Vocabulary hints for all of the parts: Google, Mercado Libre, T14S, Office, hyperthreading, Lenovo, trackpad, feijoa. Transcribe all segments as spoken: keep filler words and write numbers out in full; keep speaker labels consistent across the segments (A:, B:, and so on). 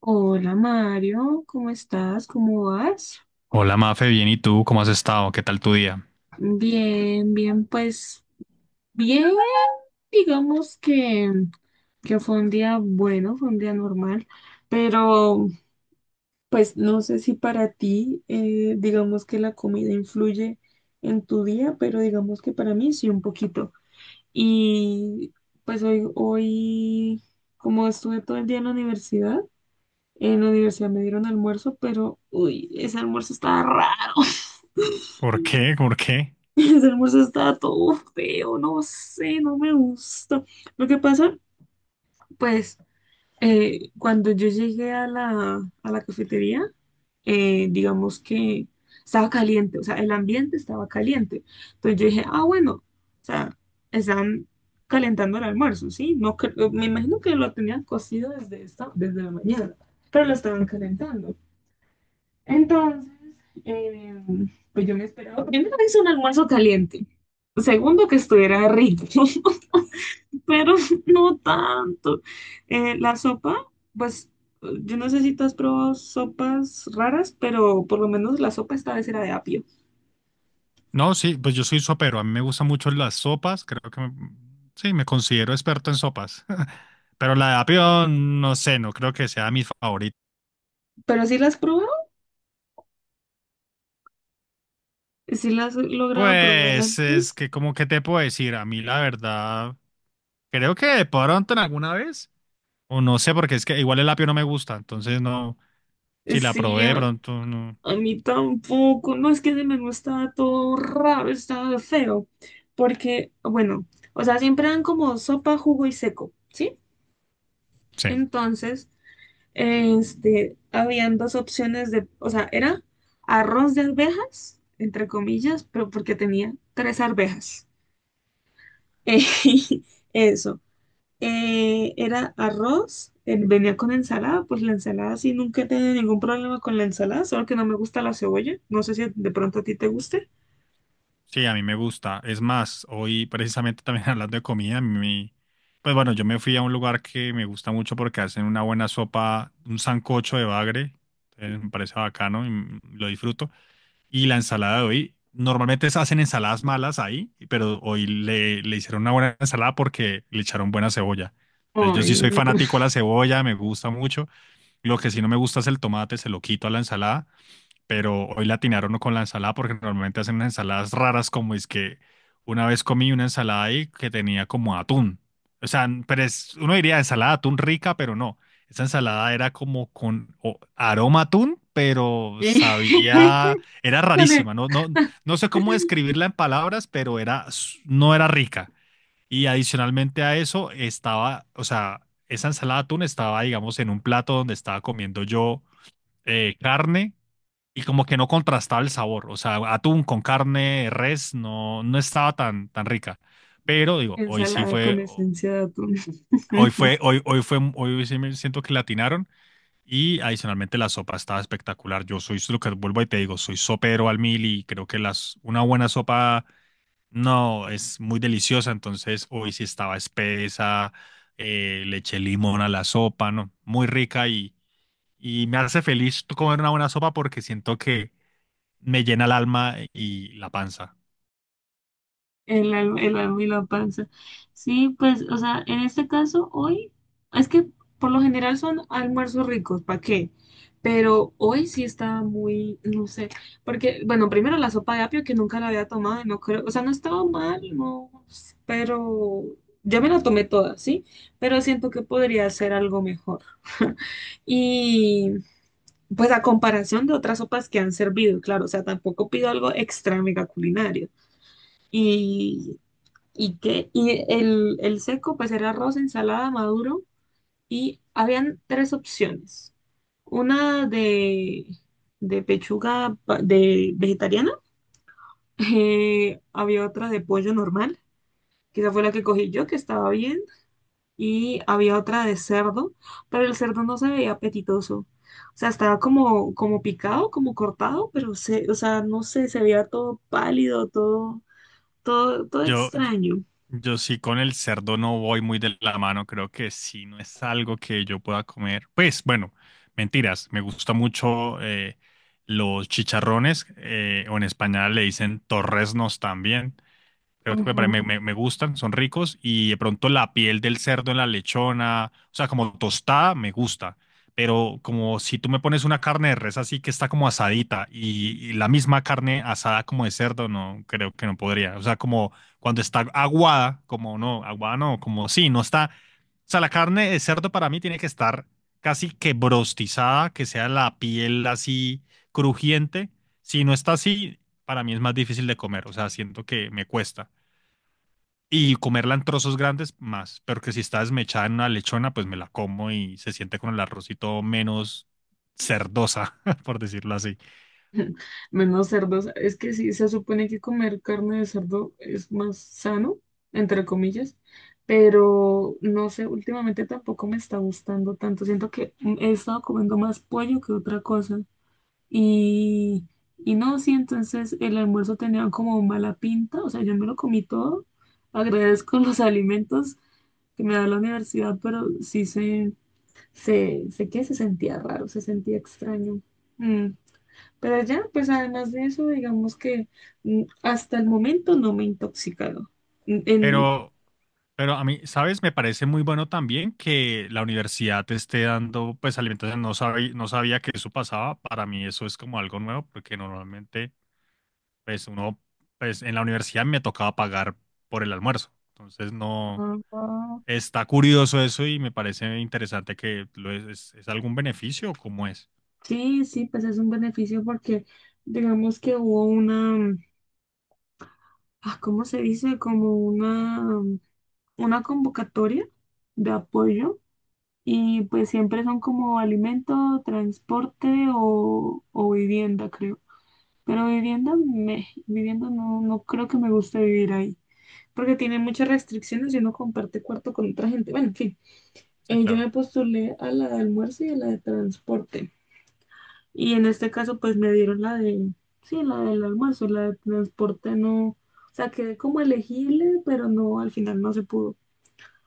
A: Hola Mario, ¿cómo estás? ¿Cómo vas?
B: Hola Mafe, bien, ¿y tú? ¿Cómo has estado? ¿Qué tal tu día?
A: Bien, bien, pues bien, digamos que, que fue un día bueno, fue un día normal, pero pues no sé si para ti, eh, digamos que la comida influye en tu día, pero digamos que para mí sí un poquito. Y pues hoy, hoy, como estuve todo el día en la universidad, en la universidad me dieron almuerzo, pero uy, ese almuerzo estaba raro.
B: ¿Por qué? ¿Por qué?
A: Ese almuerzo estaba todo feo, no sé, no me gusta. Lo que pasa, pues, eh, cuando yo llegué a la, a la cafetería, eh, digamos que estaba caliente, o sea, el ambiente estaba caliente. Entonces yo dije, ah, bueno, o sea, están calentando el almuerzo, ¿sí? No, cre- me imagino que lo tenían cocido desde esta, desde la mañana, pero lo estaban calentando. Entonces, eh, pues yo me esperaba, primero que es un almuerzo caliente, segundo que estuviera rico, pero no tanto. Eh, la sopa, pues yo no sé si tú has probado sopas raras, pero por lo menos la sopa esta vez era de apio.
B: No, sí, pues yo soy sopero. A mí me gustan mucho las sopas. Creo que me- sí, me considero experto en sopas. Pero la de apio, no sé, no creo que sea mi favorita.
A: Pero sí las has probado, sí las he logrado probar
B: Pues es
A: antes.
B: que, como que te puedo decir? A mí, la verdad, creo que de pronto en alguna vez. O no sé, porque es que igual el apio no me gusta. Entonces, no. Si la
A: Sí,
B: probé de pronto, no.
A: a mí tampoco. No, es que ese menú estaba todo raro, estaba feo. Porque, bueno, o sea, siempre dan como sopa, jugo y seco, ¿sí?
B: Sí.
A: Entonces, este, habían dos opciones de, o sea, era arroz de arvejas, entre comillas, pero porque tenía tres arvejas. Eh, eso. Eh, era arroz, eh, venía con ensalada, pues la ensalada sí, nunca he tenido ningún problema con la ensalada, solo que no me gusta la cebolla. No sé si de pronto a ti te guste.
B: Sí, a mí me gusta. Es más, hoy precisamente también hablando de comida, mi, pues bueno, yo me fui a un lugar que me gusta mucho porque hacen una buena sopa, un sancocho de bagre, eh, me parece bacano y mm, lo disfruto. Y la ensalada de hoy, normalmente se hacen ensaladas malas ahí, pero hoy le, le hicieron una buena ensalada porque le echaron buena cebolla. Entonces yo
A: Ay,
B: sí soy
A: no.
B: fanático de la cebolla, me gusta mucho. Lo que sí no me gusta es el tomate, se lo quito a la ensalada, pero hoy la atinaron no con la ensalada porque normalmente hacen unas ensaladas raras, como es que una vez comí una ensalada ahí que tenía como atún. O sea, n- pero es, uno diría ensalada de atún rica, pero no. Esa ensalada era como con o- aroma a atún, pero sabía, era
A: Con e-
B: rarísima. No, no, no sé cómo describirla en palabras, pero era, s- no era rica. Y adicionalmente a eso estaba, o sea, esa ensalada de atún estaba, digamos, en un plato donde estaba comiendo yo eh, carne, y como que no contrastaba el sabor. O sea, atún con carne, res, no, no estaba tan, tan rica. Pero digo, hoy sí
A: Ensalada con
B: fue,
A: esencia de atún.
B: hoy fue, hoy, hoy fue, hoy sí me siento que latinaron. Y adicionalmente la sopa estaba espectacular. Yo soy lo que vuelvo y te digo, soy sopero al mil y creo que las, una buena sopa no es muy deliciosa. Entonces hoy sí estaba espesa, eh, le eché limón a la sopa, ¿no? Muy rica y, y me hace feliz comer una buena sopa porque siento que me llena el alma y la panza.
A: El alma, el alma y la panza. Sí, pues, o sea, en este caso, hoy, es que por lo general son almuerzos ricos, ¿para qué? Pero hoy sí estaba muy, no sé, porque, bueno, primero la sopa de apio que nunca la había tomado y no creo, o sea, no estaba mal, no, pero ya me la tomé toda, ¿sí? Pero siento que podría ser algo mejor. Y pues a comparación de otras sopas que han servido, claro, o sea, tampoco pido algo extra mega culinario. Y, y que, y el, el seco, pues era arroz, ensalada, maduro, y habían tres opciones. Una de, de pechuga pa- de vegetariana, eh, había otra de pollo normal, que esa fue la que cogí yo, que estaba bien, y había otra de cerdo, pero el cerdo no se veía apetitoso. O sea, estaba como, como picado, como cortado, pero se, o sea, no sé, se veía todo pálido, todo, todo, todo
B: Yo,
A: extraño.
B: yo sí con el cerdo no voy muy de la mano, creo que sí, no es algo que yo pueda comer. Pues bueno, mentiras, me gusta mucho eh, los chicharrones, eh, o en España le dicen torresnos también. Creo que me, pare-
A: Ujú.
B: me, me- me gustan, son ricos, y de pronto la piel del cerdo en la lechona, o sea, como tostada, me gusta. Pero como si tú me pones una carne de res así que está como asadita, y, y la misma carne asada como de cerdo, no, creo que no podría. O sea, como cuando está aguada, como no, aguada no, como sí, no está. O sea, la carne de cerdo para mí tiene que estar casi que brostizada, que sea la piel así crujiente. Si no está así, para mí es más difícil de comer. O sea, siento que me cuesta. Y comerla en trozos grandes, más. Pero que si está desmechada en una lechona, pues me la como y se siente con el arrocito menos cerdosa, por decirlo así.
A: Menos cerdos. Es que sí, se supone que comer carne de cerdo es más sano, entre comillas, pero no sé, últimamente tampoco me está gustando tanto. Siento que mm, he estado comiendo más pollo que otra cosa. Y, y no, sí, entonces el almuerzo tenía como mala pinta, o sea, yo me lo comí todo. Agradezco los alimentos que me da la universidad, pero sí se, se, sé que se sentía raro, se sentía extraño. Mm, Pero ya, pues además de eso, digamos que mm, hasta el momento no me he intoxicado. Mm, En,
B: Pero, pero a mí, ¿sabes? Me parece muy bueno también que la universidad te esté dando, pues, alimentación. No sabía, no sabía que eso pasaba. Para mí eso es como algo nuevo, porque normalmente, pues, uno, pues, en la universidad me tocaba pagar por el almuerzo. Entonces, no,
A: Ah,
B: está curioso eso y me parece interesante que lo es, es, es algún beneficio o cómo es.
A: sí, sí, pues es un beneficio porque digamos que hubo una, ah, ¿cómo se dice? Como una... una convocatoria de apoyo y pues siempre son como alimento, transporte o, o vivienda, creo. Pero vivienda, me, vivienda no, no creo que me guste vivir ahí, porque tiene muchas restricciones y uno comparte cuarto con otra gente. Bueno, en fin,
B: Sí,
A: eh, yo
B: claro.
A: me postulé a la de almuerzo y a la de transporte. Y en este caso pues me dieron la de, sí, la del almuerzo, la de transporte no, o sea, quedé como elegible, pero no, al final no se pudo.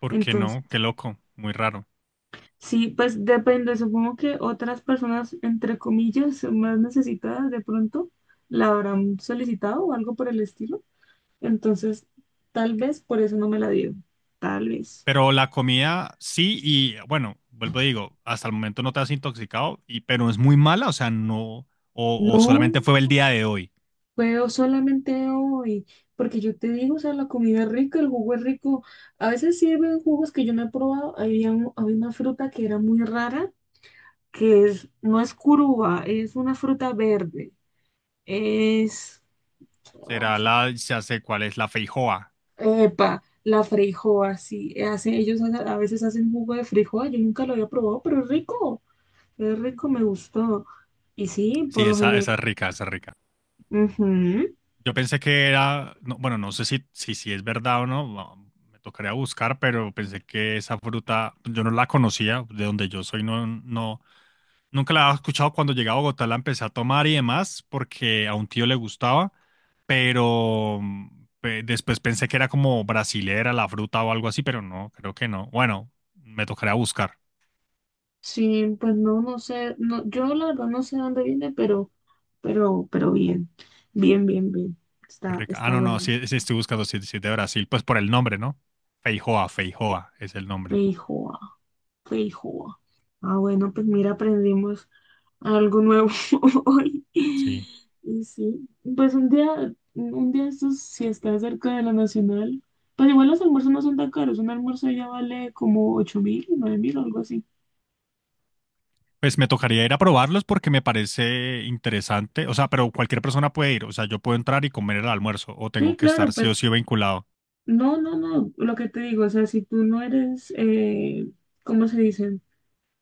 B: ¿Por qué
A: Entonces...
B: no? Qué loco, muy raro.
A: sí, pues depende, supongo que otras personas, entre comillas, más necesitadas de pronto, la habrán solicitado o algo por el estilo. Entonces, tal vez por eso no me la dieron, tal vez.
B: Pero la comida sí, y bueno, vuelvo a digo, hasta el momento no te has intoxicado, y, pero es muy mala, o sea, no, o, o
A: No,
B: solamente fue el día de hoy.
A: puedo solamente hoy, porque yo te digo, o sea, la comida es rica, el jugo es rico. A veces sirven jugos que yo no he probado. Había, un- había una fruta que era muy rara, que es, no es curuba, es una fruta verde. Es... ah,
B: Será la, ya sé cuál es, la feijoa.
A: epa, la freijoa, sí. Eh, hacen- ellos a a veces hacen jugo de freijoa. Yo nunca lo había probado, pero es rico. Es rico, me gustó. Y sí, por
B: Sí,
A: lo
B: esa,
A: general.
B: esa es rica, esa es rica.
A: Ujú.
B: Yo pensé que era, no, bueno, no sé si, si, si es verdad o no, va- me tocaría buscar, pero pensé que esa fruta, yo no la conocía, de donde yo soy, no, no, nunca la había escuchado. Cuando llegué a Bogotá, la empecé a tomar y demás, porque a un tío le gustaba, pero mm, pe- después pensé que era como brasilera la fruta o algo así, pero no, creo que no. Bueno, me tocaría buscar.
A: Sí, pues no, no sé. No, yo la verdad no sé dónde viene, pero, pero, pero bien. Bien, bien, bien.
B: Muy
A: Está,
B: rica. Ah,
A: está
B: no, no,
A: bueno.
B: sí, sí estoy buscando, sí, sí es de Brasil, pues por el nombre, ¿no? Feijoa, Feijoa es el nombre,
A: Feijoa, feijoa. Ah, bueno, pues mira, aprendimos algo nuevo hoy.
B: sí.
A: Y sí, pues un día, un día estos, si está cerca de la Nacional, pues igual los almuerzos no son tan caros, un almuerzo ya vale como ocho mil, nueve mil o algo así.
B: Pues me tocaría ir a probarlos porque me parece interesante, o sea, pero cualquier persona puede ir, o sea, yo puedo entrar y comer el almuerzo, o tengo
A: Sí,
B: que
A: claro,
B: estar sí o
A: pues
B: sí vinculado.
A: no, no, no, lo que te digo, o sea, si tú no eres, eh, ¿cómo se dice?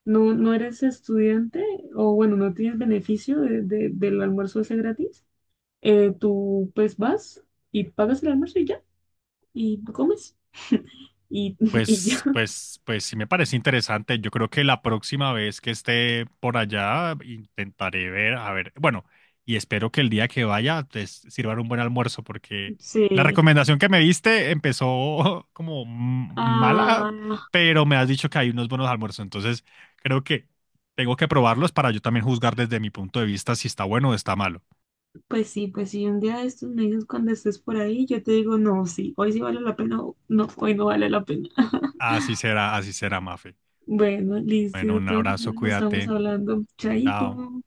A: No, no eres estudiante o bueno, no tienes beneficio de, de- del almuerzo ese gratis, eh, tú pues vas y pagas el almuerzo y ya, y tú comes y, y
B: Pues,
A: ya.
B: pues, pues sí me parece interesante. Yo creo que la próxima vez que esté por allá intentaré ver, a ver, bueno, y espero que el día que vaya te sirvan un buen almuerzo, porque la
A: Sí.
B: recomendación que me diste empezó como m- mala,
A: Ah,
B: pero me has dicho que hay unos buenos almuerzos, entonces creo que tengo que probarlos para yo también juzgar desde mi punto de vista si está bueno o está malo.
A: pues sí, pues sí, un día de estos me dices cuando estés por ahí, yo te digo, no, sí, hoy sí vale la pena, o no, hoy no vale la pena.
B: Así será, así será, Mafe.
A: Bueno, listo,
B: Bueno,
A: de
B: un
A: todas
B: abrazo,
A: maneras nos estamos
B: cuídate.
A: hablando.
B: Chao.
A: Chaito.